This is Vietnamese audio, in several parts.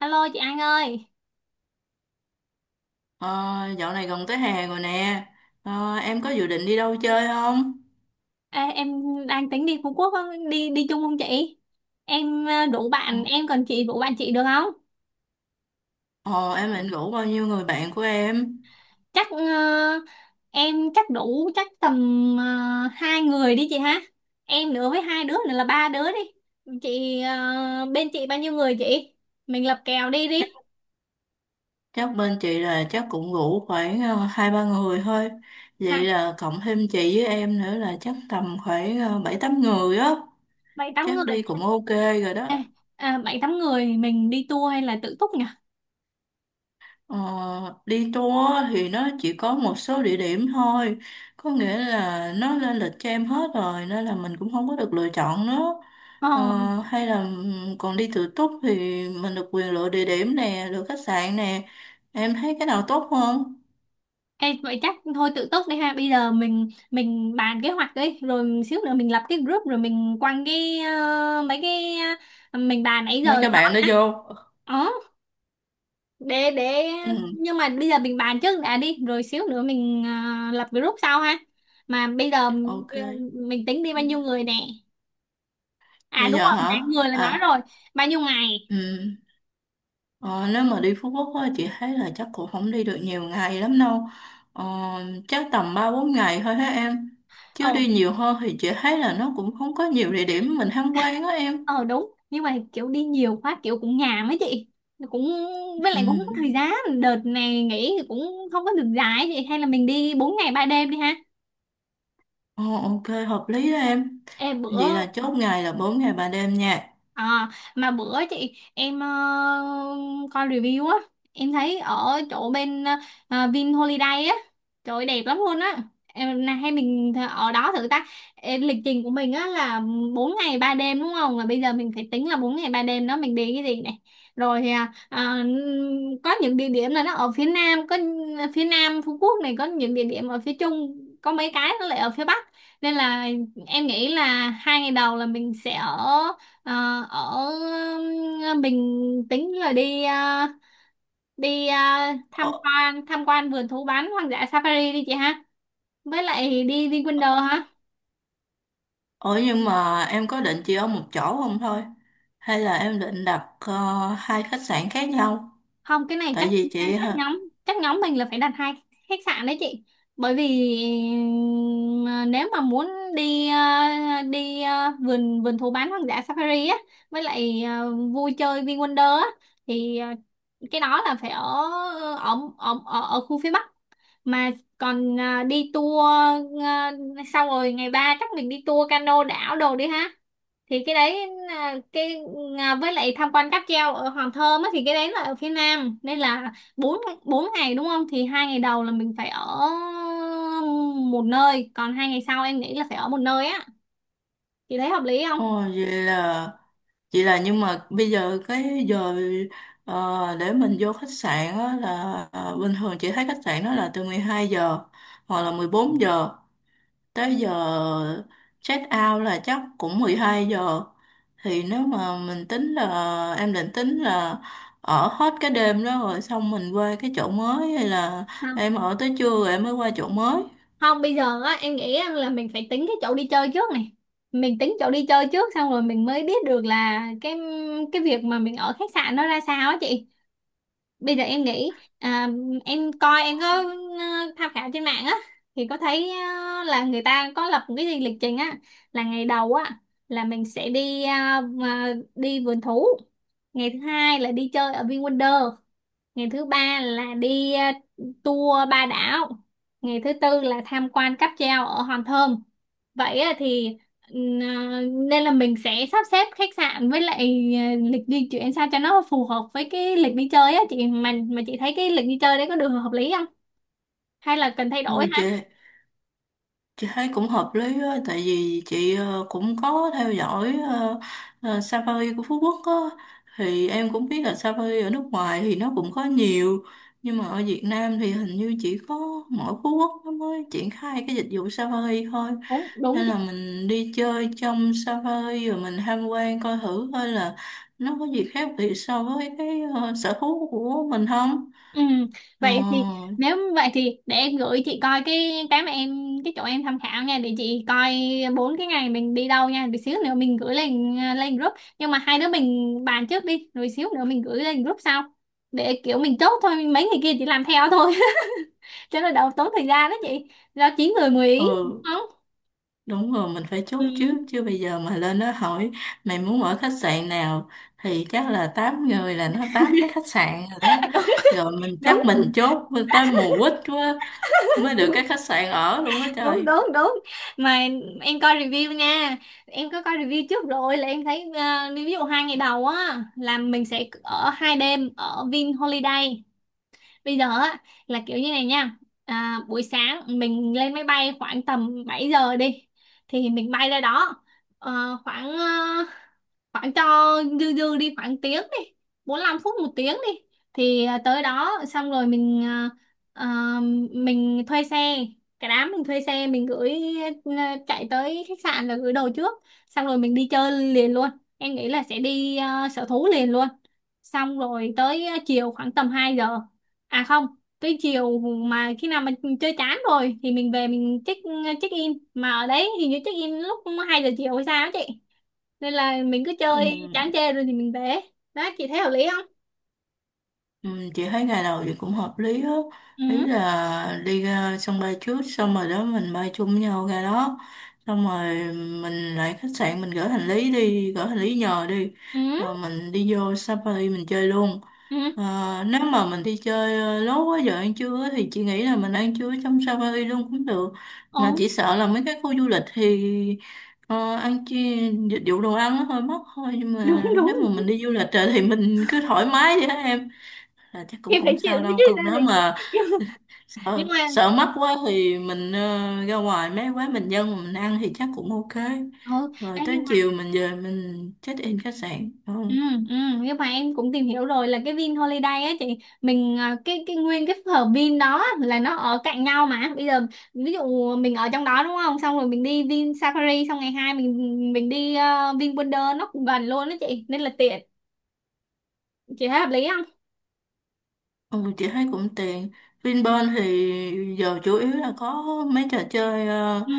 Alo chị An ơi. Ờ, Dạo này gần tới hè rồi nè. Em có dự định đi đâu chơi không? Ê, em đang tính đi Phú Quốc á, đi đi chung không chị? Em đủ Ờ, bạn, em còn chị đủ bạn chị được không? ờ, em định rủ bao nhiêu người bạn của em? Chắc em chắc đủ chắc tầm ờ, hai người đi chị ha. Em nữa với hai đứa nữa là ba đứa đi. Chị bên chị bao nhiêu người chị? Mình lập kèo đi Chắc, đi. chắc bên chị là chắc cũng rủ khoảng hai ba người thôi. Vậy Hả? là cộng thêm chị với em nữa là chắc tầm khoảng bảy tám người á. Bảy tám Chắc người. đi cũng ok rồi đó. Ê, bảy tám người mình đi tour hay là tự túc nhỉ? Ờ, Đi tour thì nó chỉ có một số địa điểm thôi, có nghĩa là nó lên lịch cho em hết rồi nên là mình cũng không có được lựa chọn nữa. Ờ. ờ, Hay là còn đi tự túc thì mình được quyền lựa địa điểm nè, lựa khách sạn nè. Em thấy cái nào tốt không? Ê, vậy chắc thôi tự túc đi ha. Bây giờ mình bàn kế hoạch đi rồi xíu nữa mình lập cái group rồi mình quăng cái mấy cái mình bàn nãy Mấy giờ các lên đó bạn đó nhá. vô. Ờ, để Ừ, nhưng mà bây giờ mình bàn trước đã đi rồi xíu nữa mình lập group sau ha. Mà bây giờ ok. mình tính đi bao nhiêu người nè. À Bây đúng giờ rồi hả? nãy người là nói À, rồi. Bao nhiêu ngày? ừ. Ờ, Nếu mà đi Phú Quốc á, chị thấy là chắc cũng không đi được nhiều ngày lắm đâu. Ờ, Chắc tầm ba bốn ngày thôi hả em. Chứ Ồ, đi nhiều hơn thì chị thấy là nó cũng không có nhiều địa điểm mình tham quan á em. ờ đúng nhưng mà kiểu đi nhiều quá kiểu cũng nhàm ấy chị, cũng với Ừ. lại cũng không có thời gian. Đợt này nghỉ thì cũng không có được dài ấy chị, hay là mình đi 4 ngày 3 đêm đi ha. Ờ, ok, hợp lý đó em. Ê bữa, Vậy là chốt ngày là 4 ngày 3 đêm nha. À, mà bữa chị em coi review á, em thấy ở chỗ bên Vin Holiday á, trời ơi, đẹp lắm luôn á. Em này hay mình ở đó thử ta. Ê, lịch trình của mình á là 4 ngày 3 đêm đúng không, là bây giờ mình phải tính là 4 ngày 3 đêm đó mình đi cái gì này. Rồi thì, có những địa điểm là nó ở phía nam, có phía nam Phú Quốc này, có những địa điểm ở phía trung, có mấy cái nó lại ở phía bắc. Nên là em nghĩ là 2 ngày đầu là mình sẽ ở. Ờ, ở mình tính là đi tham Ờ, quan tham quan vườn thú bán hoang dã safari đi chị ha, với lại đi đi Wonder ha. ờ, nhưng mà em có định chỉ ở một chỗ không thôi? Hay là em định đặt hai khách sạn khác nhau? Không cái này Tại chắc, vì chị... hả? Chắc nhóm mình là phải đặt hai khách sạn đấy chị, bởi vì nếu mà muốn đi ờ, đi vườn vườn thú bán hoang dã safari á với lại vui chơi VinWonder á, thì cái đó là phải ở ở khu phía Bắc. Mà còn đi tour, à, xong rồi ngày ba chắc mình đi tour cano đảo đồ đi ha, thì cái đấy là cái, với lại tham quan cáp treo ở Hòn Thơm á thì cái đấy là ở phía Nam, nên là bốn bốn ngày đúng không, thì 2 ngày đầu là mình phải ở một nơi, còn 2 ngày sau em nghĩ là phải ở một nơi á, thì thấy hợp lý không? Ồ, Vậy là nhưng mà bây giờ cái giờ để mình vô khách sạn á, là bình thường chị thấy khách sạn đó là từ 12 giờ hoặc là 14 giờ tới giờ check out là chắc cũng 12 giờ. Thì nếu mà mình tính là em định tính là ở hết cái đêm đó rồi xong mình qua cái chỗ mới, hay là em ở tới trưa rồi em mới qua chỗ mới. Không, bây giờ á em nghĩ á, là mình phải tính cái chỗ đi chơi trước này, mình tính chỗ đi chơi trước xong rồi mình mới biết được là cái việc mà mình ở khách sạn nó ra sao á chị. Bây giờ em nghĩ em coi em có tham khảo trên mạng á thì có thấy là người ta có lập một cái gì lịch trình á. Là ngày đầu á là mình sẽ đi ờ, mà đi vườn thú. Ngày thứ hai là đi chơi ở VinWonder. Ngày thứ ba là đi tour ba đảo. Ngày thứ tư là tham quan cáp treo ở Hòn Thơm. Vậy á thì ừm, ờ, nên là mình sẽ sắp xếp khách sạn với lại lịch di chuyển sao cho nó phù hợp với cái lịch đi chơi á chị, mà chị thấy cái lịch đi chơi đấy có được hợp lý không, hay là cần thay đổi Ừ hả? chị. Chị thấy cũng hợp lý á, tại vì chị cũng có theo dõi Safari của Phú Quốc á, thì em cũng biết là Safari ở nước ngoài thì nó cũng có nhiều, nhưng mà ở Việt Nam thì hình như chỉ có mỗi Phú Quốc nó mới triển khai cái dịch vụ Safari thôi. Đúng đúng. Nên là mình đi chơi trong Safari rồi mình tham quan coi thử coi là nó có gì khác biệt so với cái sở thú của mình không. Ừ, Ờ, vậy thì nếu vậy thì để em gửi chị coi cái mà em cái chỗ em tham khảo nha, để chị coi bốn cái ngày mình đi đâu nha, để xíu nữa mình gửi lên lên group. Nhưng mà hai đứa mình bàn trước đi rồi xíu nữa mình gửi lên group sau, để kiểu mình chốt thôi mấy người kia chỉ làm theo thôi. Cho nó đỡ tốn thời gian đó chị, do chín người mười ý đúng ừ. không. Đúng rồi, mình phải chốt trước Ừ. chứ bây giờ mà lên nó hỏi mày muốn ở khách sạn nào thì chắc là 8 người là nó 8 cái khách sạn rồi đó. Rồi mình Đúng chắc mình chốt tới mùa quýt quá mới được đúng cái khách sạn ở luôn á đúng trời. đúng đúng. Mà em coi review nha, em có coi review trước rồi là em thấy ví dụ 2 ngày đầu á là mình sẽ ở 2 đêm ở Vin Holiday. Bây giờ á là kiểu như này nha. À, buổi sáng mình lên máy bay khoảng tầm 7 giờ đi, thì mình bay ra đó. Ờ, khoảng khoảng cho dư dư đi khoảng tiếng đi, 45 phút 1 tiếng đi, thì tới đó xong rồi à, mình thuê xe. Cái đám mình thuê xe mình gửi, chạy tới khách sạn là gửi đồ trước, xong rồi mình đi chơi liền luôn. Em nghĩ là sẽ đi sở thú liền luôn, xong rồi tới chiều khoảng tầm 2 giờ. À không, tới chiều mà khi nào mà chơi chán rồi thì mình về mình check in, mà ở đấy hình như check in lúc 2 giờ chiều hay sao á chị, nên là mình cứ Ừ. chơi chán chê rồi thì mình về đó. Chị thấy hợp lý không? Ừ, chị thấy ngày đầu thì cũng hợp lý á. Ý Ừ, là đi ra sân bay trước xong rồi đó mình bay chung với nhau ra đó, xong rồi mình lại khách sạn mình gửi hành lý, đi gửi hành lý nhờ đi, ừ, rồi mình đi vô Safari mình chơi luôn. ừ, Nếu mà mình đi chơi lố quá giờ ăn trưa á, thì chị nghĩ là mình ăn trưa trong Safari luôn cũng được, mà ừ. chỉ sợ là mấy cái khu du lịch thì ăn chi dịch vụ đồ ăn nó hơi mắc thôi, nhưng Đúng mà đúng nếu mà đúng, mình đi du lịch rồi thì mình cứ thoải mái vậy đó em, là chắc thì cũng phải không chịu sao đấy đâu. chứ ra Còn nếu thì. mà Nhưng sợ mà, sợ mắc quá thì mình ra ngoài mấy quán bình dân mà mình ăn thì chắc cũng ok. ừ. Ê, Rồi nhưng tới mà, chiều mình về mình check in khách sạn đúng ừ, không? ừ, nhưng mà em cũng tìm hiểu rồi là cái Vin Holiday á chị, mình cái nguyên cái phở Vin đó là nó ở cạnh nhau. Mà bây giờ ví dụ mình ở trong đó đúng không, xong rồi mình đi Vin Safari, xong ngày hai mình đi Vin Wonder, nó cũng gần luôn đó chị, nên là tiện. Chị thấy hợp lý không? Ừ, chị thấy cũng tiện. Vinpearl thì giờ chủ yếu là có mấy trò chơi Ừ,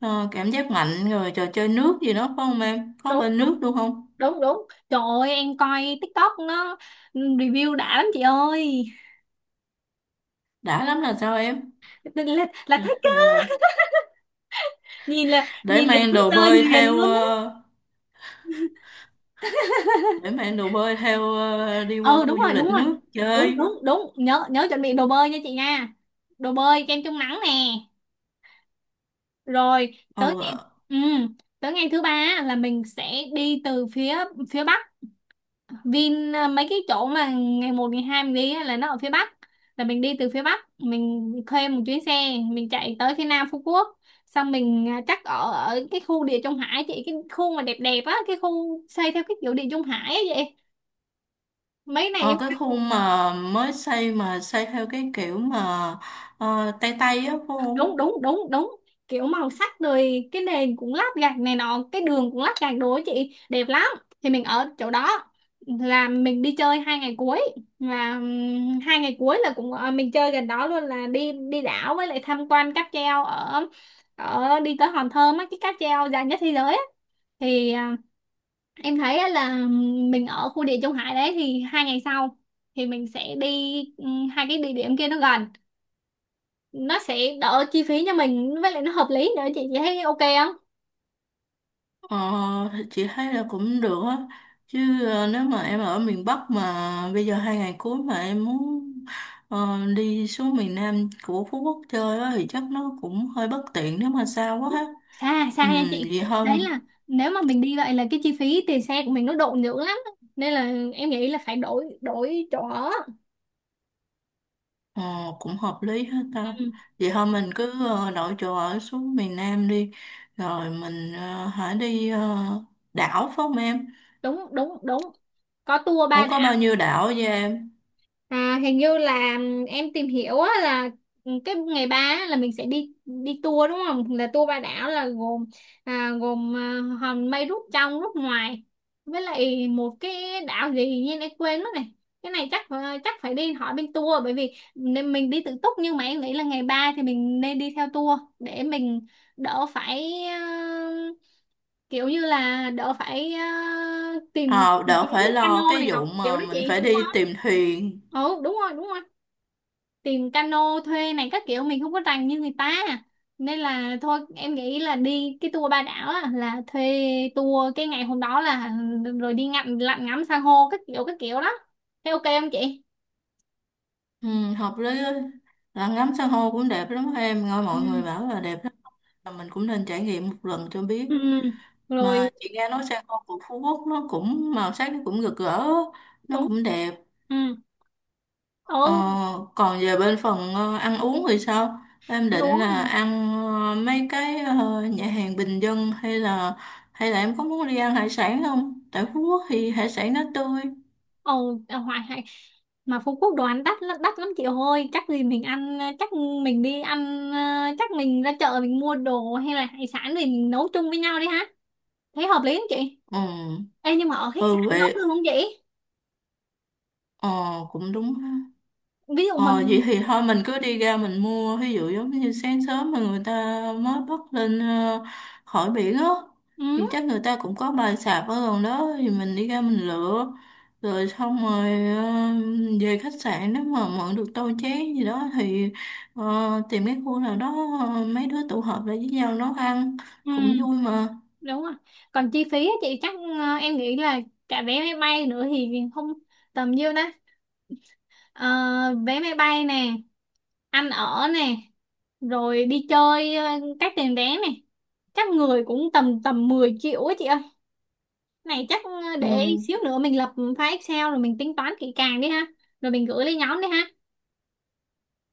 cảm giác mạnh, rồi trò chơi nước gì đó phải không, em có đúng bên nước luôn không? đúng đúng, trời ơi em coi TikTok nó review đã lắm chị ơi, Đã lắm là sao em? Là Ừ, thích á. ừ. Nhìn là để nhìn là mang đứng đồ chơi bơi liền theo luôn á. ờ, để mang đồ bơi theo đi qua Ừ đúng khu du rồi lịch đúng rồi, nước đúng chơi. đúng đúng, nhớ nhớ chuẩn bị đồ bơi nha chị nha, đồ bơi kem chống nắng nè. Rồi ờ tới, ừ, tới ngày thứ ba á, là mình sẽ đi từ phía phía bắc Vin, mấy cái chỗ mà ngày một ngày 2 mình đi á, là nó ở phía Bắc, là mình đi từ phía Bắc mình thuê một chuyến xe mình chạy tới phía Nam Phú Quốc. Xong mình chắc ở ở cái khu Địa Trung Hải chị, cái khu mà đẹp đẹp á, cái khu xây theo cái kiểu Địa Trung Hải á vậy mấy ờ này. cái khu mà mới xây mà xây theo cái kiểu mà Tây Tây á phải không? Đúng đúng đúng đúng, kiểu màu sắc rồi cái nền cũng lát gạch này nọ, cái đường cũng lát gạch đồ ấy chị, đẹp lắm. Thì mình ở chỗ đó là mình đi chơi 2 ngày cuối. Và 2 ngày cuối là cũng mình chơi gần đó luôn, là đi đi đảo với lại tham quan cáp treo ở ở đi tới Hòn Thơm á, cái cáp treo dài nhất thế giới á. Thì em thấy á là mình ở khu địa Trung Hải đấy, thì 2 ngày sau thì mình sẽ đi hai cái địa điểm kia nó gần, nó sẽ đỡ chi phí cho mình với lại nó hợp lý nữa chị. Chị thấy ok không? ờ thì chị thấy là cũng được á. Chứ nếu mà em ở miền Bắc mà bây giờ hai ngày cuối mà em muốn đi xuống miền Nam của Phú Quốc chơi á thì chắc nó cũng hơi bất tiện nếu mà xa quá ha. Xa Ừ, xa nha chị. vậy Đấy thôi. là nếu mà mình đi vậy là cái chi phí tiền xe của mình nó độ nhiều lắm, nên là em nghĩ là phải đổi đổi chỗ ở. ờ Cũng hợp lý hết ta. Ừ, Vậy thôi mình cứ đổi chỗ ở xuống miền Nam đi. Rồi mình hãy đi đảo phải không em? đúng đúng đúng. Có tour Ủa ba. có bao nhiêu đảo vậy em? À, hình như là em tìm hiểu á, là cái ngày ba á, là mình sẽ đi đi tour đúng không? Là tour ba đảo là gồm, gồm hòn mây rút trong rút ngoài, với lại một cái đảo gì như em quên mất này. Cái này chắc chắc phải đi hỏi bên tour, bởi vì nên mình đi tự túc nhưng mà em nghĩ là ngày ba thì mình nên đi theo tour để mình đỡ phải kiểu như là đỡ phải tìm Ờ, Đỡ kiếm phải lo cano cái này vụ nọ kiểu mà đó mình chị phải đúng đi không? tìm thuyền. Ừ đúng rồi đúng rồi, tìm cano thuê này các kiểu mình không có rành như người ta. Nên là thôi em nghĩ là đi cái tour ba đảo á, là thuê tour cái ngày hôm đó là rồi đi ngắm lặn ngắm san hô các kiểu đó. Thế ok không chị? Ừ, hợp lý á. Là ngắm san hô cũng đẹp lắm em. Nghe Ừ, mọi người bảo là đẹp lắm. Mà mình cũng nên trải nghiệm một lần cho biết. ừ, ừ. Mà Rồi. chị nghe nói san hô của Phú Quốc nó cũng màu sắc, nó cũng rực rỡ. Nó Đúng. cũng đẹp. Ừ, Ờ, ừ. Còn về bên phần ăn uống thì sao? Em Ăn định uống là hả? ăn mấy cái nhà hàng bình dân, hay là em có muốn đi ăn hải sản không? Tại Phú Quốc thì hải sản nó tươi. Ồ ừ, hoài hay mà Phú Quốc đồ ăn đắt lắm, đắt lắm chị ơi, chắc gì mình ăn, chắc mình đi ăn chắc mình ra chợ mình mua đồ hay là hải sản thì mình nấu chung với nhau đi ha. Thấy hợp lý không chị? Ừ, Ê, nhưng mà ở khách ừ sạn nấu vậy. luôn không vậy? Ờ, Cũng đúng ha. Ví dụ mà, Ờ, Vậy thì thôi mình cứ đi ra mình mua, ví dụ giống như sáng sớm mà người ta mới bắt lên khỏi biển á, thì ừ, chắc người ta cũng có bài sạp ở gần đó, thì mình đi ra mình lựa rồi xong rồi về khách sạn, nếu mà mượn được tô chén gì đó thì tìm cái khu nào đó mấy đứa tụ họp lại với nhau nấu ăn ừ, cũng vui mà. đúng rồi. Còn chi phí á chị chắc em nghĩ là cả vé máy bay nữa thì không tầm nhiêu đó. Ờ, vé máy bay nè, ăn ở nè, rồi đi chơi các tiền vé nè. Chắc người cũng tầm tầm 10 triệu á chị ơi. Này chắc để Ừ, xíu nữa mình lập file Excel rồi mình tính toán kỹ càng đi ha. Rồi mình gửi lên nhóm đi ha.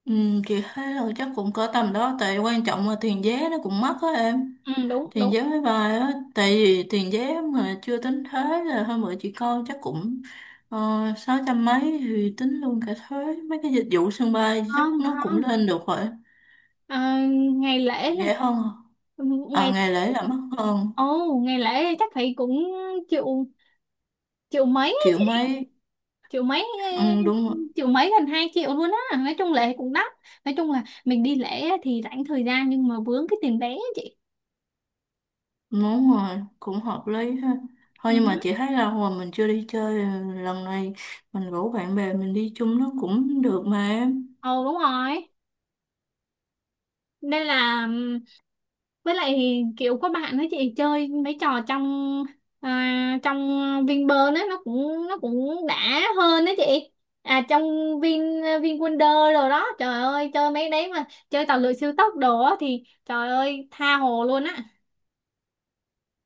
ừ, chị thấy là chắc cũng cỡ tầm đó, tại quan trọng là tiền vé nó cũng mắc á em. Ừ đúng Tiền đúng. giáo với bài á, tại vì tiền giáo mà chưa tính thuế là hơn bữa chị coi chắc cũng ờ, 600 mấy. Thì tính luôn cả thuế mấy cái dịch vụ sân bay chắc Không nó cũng không. lên được rồi. Ờ, ngày lễ là Rẻ hơn à? À, ngày. ngày lễ là mắc hơn Ồ, ngày lễ chắc phải cũng triệu, triệu mấy, triệu mấy. triệu mấy Ừ, đúng rồi, triệu mấy gần 2 triệu luôn á, nói chung lễ cũng đắt, nói chung là mình đi lễ á thì rảnh thời gian nhưng mà vướng cái tiền vé á chị. đúng rồi, cũng hợp lý ha. Ừ. Thôi nhưng mà chị thấy lâu rồi mình chưa đi chơi, lần này mình rủ bạn bè mình đi chung nó cũng được mà em. Ồ đúng rồi, nên là, với lại kiểu có bạn nói chị chơi mấy trò trong trong Vinpearl á nó cũng đã hơn đó chị, à trong Vin VinWonder rồi đó, trời ơi chơi mấy đấy mà chơi tàu lượn siêu tốc đồ á thì trời ơi tha hồ luôn á.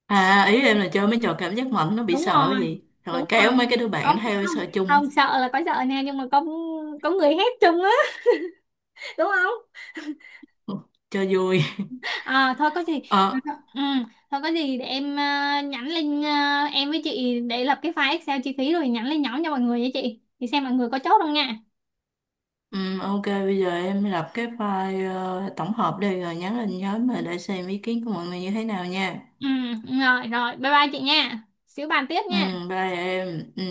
À, ý em là chơi mấy trò cảm giác mạnh nó bị Đúng sợ rồi gì rồi đúng kéo rồi, mấy cái đứa có bạn theo không, sợ chung không sợ là có sợ nha, nhưng mà có người hét chung á đúng không. cho vui. À, thôi có gì. ờ Ừ, ừ, thôi có gì để em nhắn lên em với chị để lập cái file Excel chi phí rồi nhắn lên nhóm cho mọi người nha chị, thì xem mọi người có chốt không nha. Ok, bây giờ em lập cái file tổng hợp đi rồi nhắn lên nhóm mà để xem ý kiến của mọi người như thế nào nha. Ừ, rồi rồi bye bye chị nha, xíu bàn tiếp Ừ, nha. bye em, ừ.